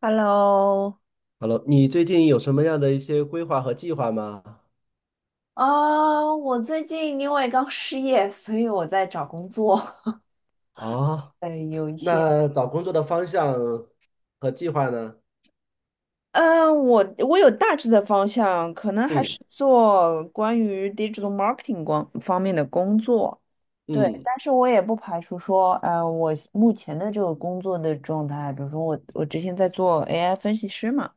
Hello，Hello，你最近有什么样的一些规划和计划吗？啊我最近因为刚失业，所以我在找工作。哦，有一些，那找工作的方向和计划呢？嗯，我有大致的方向，可能还嗯是做关于 digital marketing 光方面的工作。对，嗯，但是我也不排除说，我目前的这个工作的状态，比如说我之前在做 AI 分析师嘛，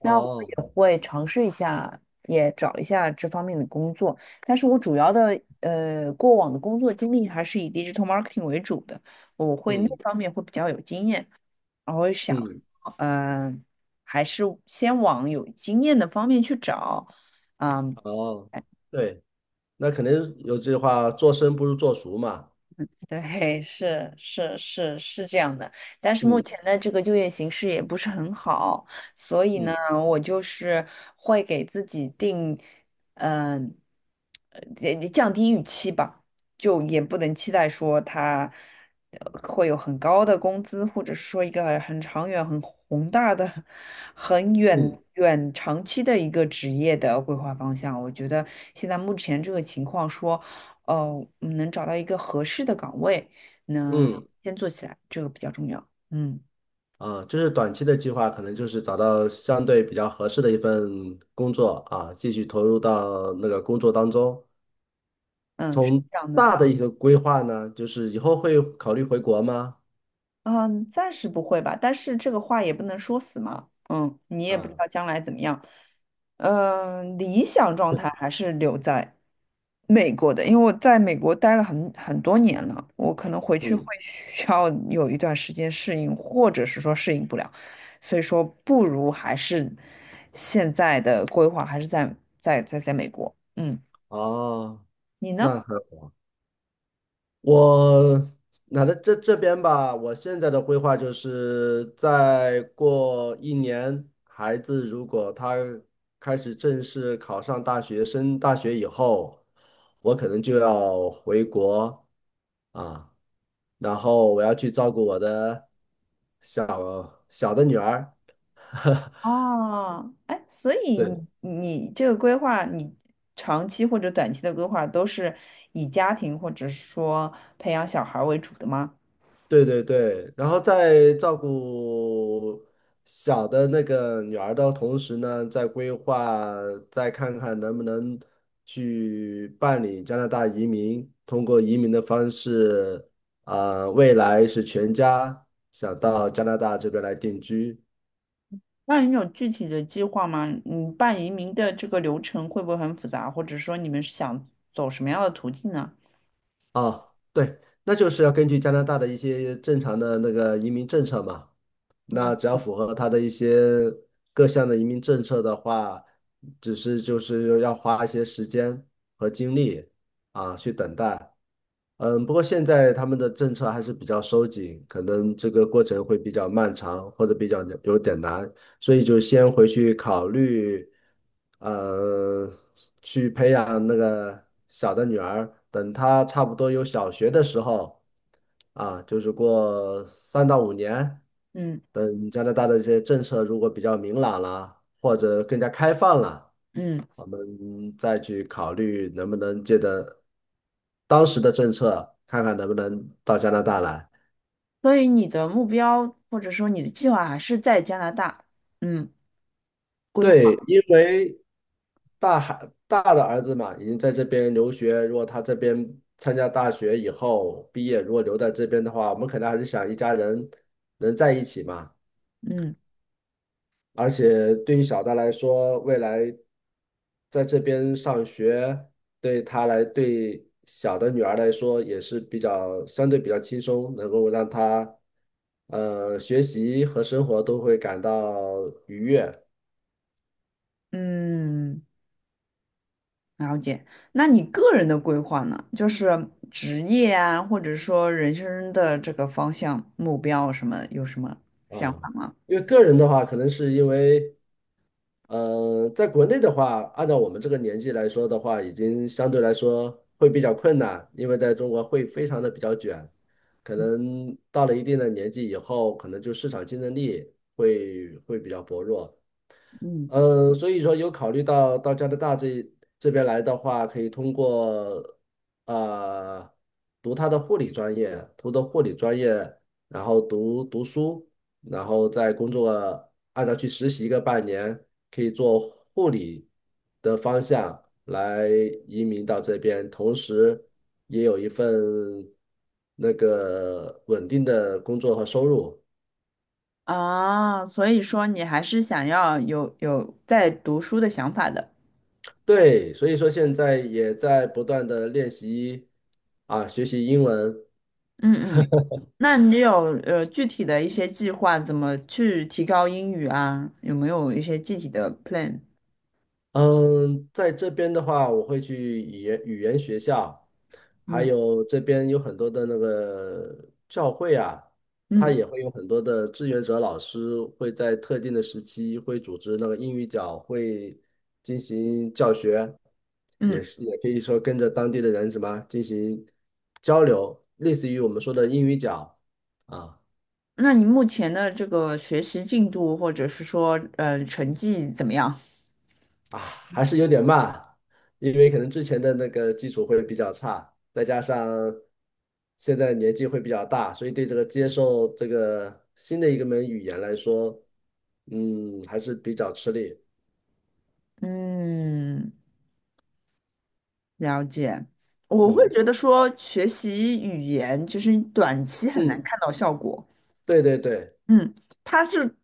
那我也会尝试一下，也找一下这方面的工作。但是我主要的过往的工作经历还是以 digital marketing 为主的，我会那嗯方面会比较有经验，然后想，嗯，嗯、还是先往有经验的方面去找，嗯、哦，对，那肯定有句话，做生不如做熟嘛。对，是是是是这样的，但是目嗯前的这个就业形势也不是很好，所以呢，嗯我就是会给自己定，嗯、也降低预期吧，就也不能期待说他会有很高的工资，或者是说一个很长远、很宏大的、很嗯远远长期的一个职业的规划方向。我觉得现在目前这个情况说。哦，能找到一个合适的岗位，那嗯，先做起来，这个比较重要。嗯啊，就是短期的计划，可能就是找到相对比较合适的一份工作啊，继续投入到那个工作当中。嗯，是从这样的。大的一个规划呢，就是以后会考虑回国吗？嗯，暂时不会吧，但是这个话也不能说死嘛。嗯，你也不知啊。道将来怎么样。嗯，理想状态还是留在美国的，因为我在美国待了很多年了，我可能回去会 嗯，需要有一段时间适应，或者是说适应不了，所以说不如还是现在的规划还是在美国。嗯，哦，你呢？那很，我那在这边吧，我现在的规划就是再过一年，孩子如果他开始正式考上大学，升大学以后，我可能就要回国啊，然后我要去照顾我的小小的女儿，哦，哎，所以对。你这个规划，你长期或者短期的规划都是以家庭或者说培养小孩儿为主的吗？对对对，然后在照顾小的那个女儿的同时呢，在规划，再看看能不能去办理加拿大移民，通过移民的方式，啊、未来是全家想到加拿大这边来定居。那你有具体的计划吗？你办移民的这个流程会不会很复杂，或者说你们是想走什么样的途径呢？啊，对，那就是要根据加拿大的一些正常的那个移民政策嘛。嗯那只要符合他的一些各项的移民政策的话，只是就是要花一些时间和精力啊去等待。嗯，不过现在他们的政策还是比较收紧，可能这个过程会比较漫长或者比较有点难。所以就先回去考虑，呃，去培养那个小的女儿，等她差不多有小学的时候，啊，就是过3到5年，嗯等加拿大的一些政策如果比较明朗了，或者更加开放了，嗯，我们再去考虑能不能借着当时的政策，看看能不能到加拿大来。所以你的目标或者说你的计划还是在加拿大，嗯，规划，对，因为大的儿子嘛，已经在这边留学。如果他这边参加大学以后毕业，如果留在这边的话，我们肯定还是想一家人能在一起嘛。嗯而且对于小的来说，未来在这边上学，对他来对小的女儿来说也是相对比较轻松，能够让她学习和生活都会感到愉悦嗯。了解，那你个人的规划呢？就是职业啊，或者说人生的这个方向、目标什么，有什么想法啊。吗？因为个人的话，可能是因为。在国内的话，按照我们这个年纪来说的话，已经相对来说会比较困难，因为在中国会非常的比较卷，可嗯能到了一定的年纪以后，可能就市场竞争力会比较薄弱。嗯嗯，所以说有考虑到加拿大这边来的话，可以通过呃读他的护理专业，读的护理专业，然后读读书，然后再工作，按照去实习个半年，可以做护理的方向来移民到这边，同时也有一份那个稳定的工作和收入。啊，所以说你还是想要有在读书的想法的。对，所以说现在也在不断的练习啊，学习英文。嗯嗯，那你有具体的一些计划，怎么去提高英语啊？有没有一些具体的 plan？嗯，在这边的话，我会去语言学校，还嗯有这边有很多的那个教会啊，它嗯也会有很多的志愿者老师会在特定的时期会组织那个英语角会进行教学，也嗯，是也可以说跟着当地的人什么进行交流，类似于我们说的英语角啊。那你目前的这个学习进度，或者是说成绩怎么样？啊，还是有点慢，因为可能之前的那个基础会比较差，再加上现在年纪会比较大，所以对这个接受这个新的一个门语言来说，嗯，还是比较吃力。嗯，了解。我会嗯觉得说，学习语言就是你短期很难嗯，看到效果。对对对嗯，它是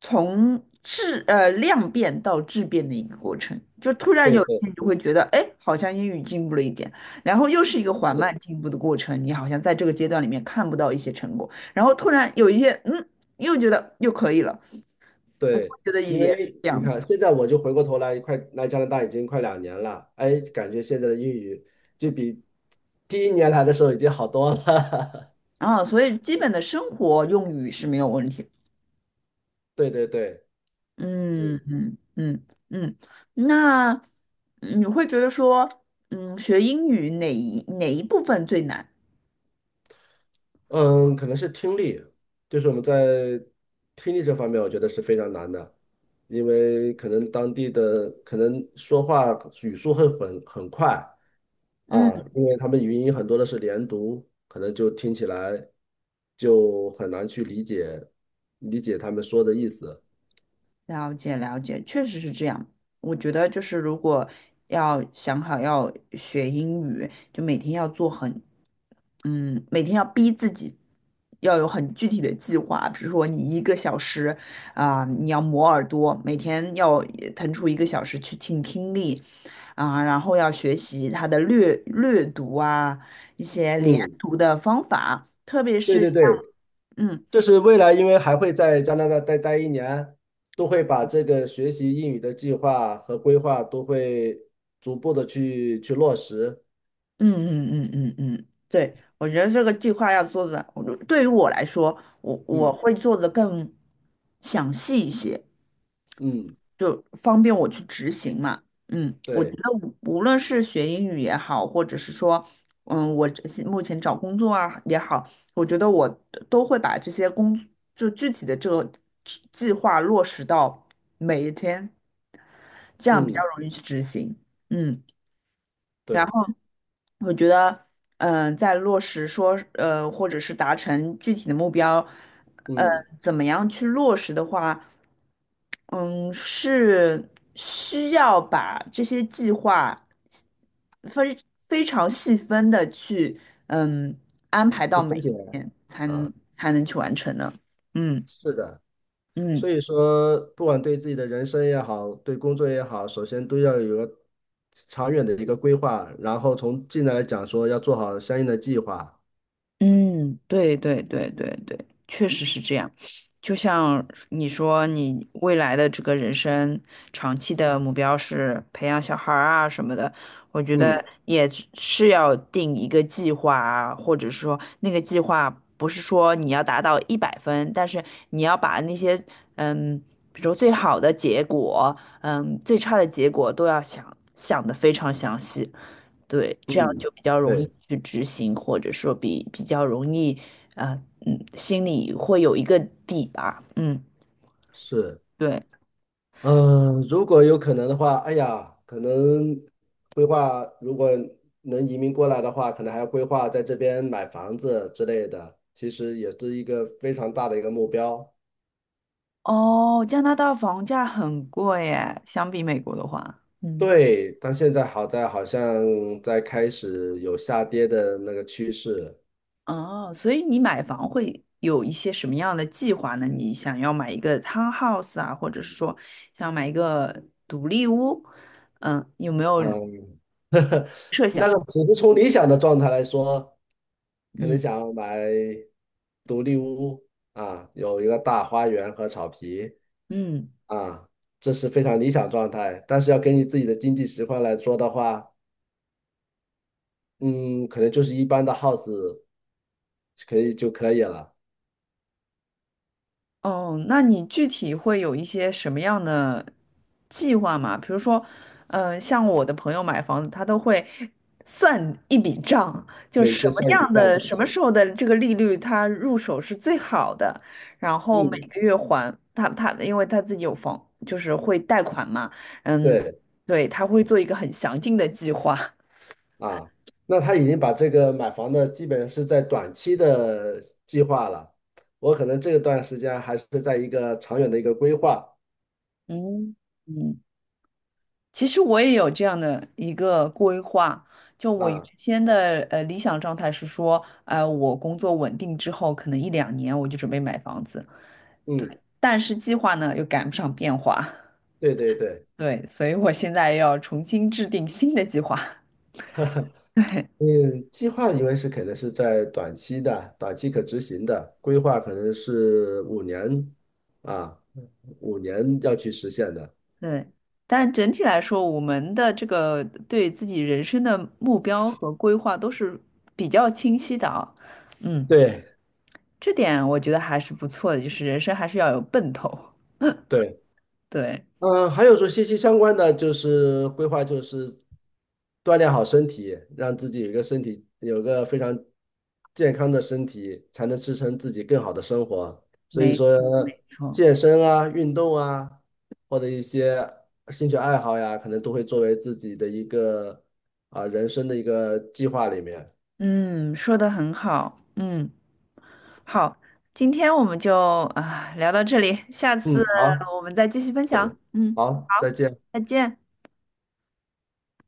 从量变到质变的一个过程，就突然对有一对天你就会觉得，哎，好像英语进步了一点，然后又是一个缓慢是，进步的过程，你好像在这个阶段里面看不到一些成果，然后突然有一天，嗯，又觉得又可以了。我会对，觉得因语言是为这你样子看现在我就回过头来，快来加拿大已经快2年了，哎，感觉现在的英语就比第1年来的时候已经好多了。啊，所以基本的生活用语是没有问题的 对对对，嗯嗯嗯嗯嗯，那你会觉得说，嗯，学英语哪一部分最难？嗯，可能是听力，就是我们在听力这方面，我觉得是非常难的，因为可能当地的可能说话语速会很快嗯。啊，因为他们语音很多的是连读，可能就听起来就很难去理解他们说的意思。了解了解，确实是这样。我觉得就是如果要想好要学英语，就每天要逼自己要有很具体的计划。比如说你一个小时啊、你要磨耳朵，每天要腾出一个小时去听听力啊、然后要学习它的略读啊，一些连嗯，读的方法，特别对是对像对，嗯。这是未来，因为还会在加拿大待一年，都会把这个学习英语的计划和规划都会逐步的去落实。嗯嗯嗯嗯嗯，对，我觉得这个计划要做的，我对于我来说，我嗯会做的更详细一些，嗯，就方便我去执行嘛。嗯，我觉对，得无论是学英语也好，或者是说，我这些目前找工作啊也好，我觉得我都会把这些工作就具体的这个计划落实到每一天，这样比较嗯容易去执行。嗯。然对，我觉得，在落实说，或者是达成具体的目标，嗯，嗯，怎么样去落实的话，嗯，是需要把这些计划非非常细分的去，嗯，安排去到每分解一天，才能啊，才能去完成的。嗯是的。嗯。所以说，不管对自己的人生也好，对工作也好，首先都要有个长远的一个规划，然后从近来讲说要做好相应的计划。嗯，对对对对对，确实是这样。就像你说，你未来的这个人生长期的目标是培养小孩儿啊什么的，我觉得嗯也是要定一个计划啊，或者说那个计划不是说你要达到100分，但是你要把那些嗯，比如说最好的结果，最差的结果都要想得非常详细。对，这样嗯，就比较容易对，去执行，或者说比较容易，啊，嗯，心里会有一个底吧，嗯，是。对，嗯，如果有可能的话，哎呀，可能规划如果能移民过来的话，可能还要规划在这边买房子之类的，其实也是一个非常大的一个目标。哦，加拿大房价很贵耶，相比美国的话，嗯，对，但现在好在好像在开始有下跌的那个趋势，哦，所以你买房会有一些什么样的计划呢？你想要买一个 townhouse 啊，或者是说想要买一个独立屋，嗯，有没有？嗯，那个只是从理想的状态来说，可能嗯想要买独立屋啊，有一个大花园和草皮。嗯。啊，这是非常理想状态。但是要根据自己的经济实况来说的话，嗯，可能就是一般的 house 可以就可以了，哦，那你具体会有一些什么样的计划吗？比如说，像我的朋友买房子，他都会算一笔账，就每什天么算一笔样账的、不什么对。时候的这个利率，他入手是最好的，然后每嗯，个月还他，因为他自己有房，就是会贷款嘛，嗯，对对，他会做一个很详尽的计划。啊，那他已经把这个买房的基本是在短期的计划了，我可能这段时间还是在一个长远的一个规划嗯嗯，其实我也有这样的一个规划，就我原啊。先的理想状态是说，我工作稳定之后，可能一两年我就准备买房子，嗯，但是计划呢又赶不上变化，对对对。对，所以我现在要重新制定新的计划，对嗯，计划因为是肯定是在短期的、短期可执行的，规划可能是五年啊，五年要去实现的。对。但整体来说，我们的这个对自己人生的目标和规划都是比较清晰的啊，嗯，对，这点我觉得还是不错的，就是人生还是要有奔头，对，对。嗯，还有说息息相关的就是规划，就是锻炼好身体，让自己有一个身体有个非常健康的身体，才能支撑自己更好的生活。所以没说，错，没错，健身啊、运动啊，或者一些兴趣爱好呀，可能都会作为自己的一个啊、人生的一个计划里面。嗯，说的很好，嗯，好，今天我们就啊聊到这里，下次嗯，好，我们再继续分再享，见，嗯，好，好，再见。再见。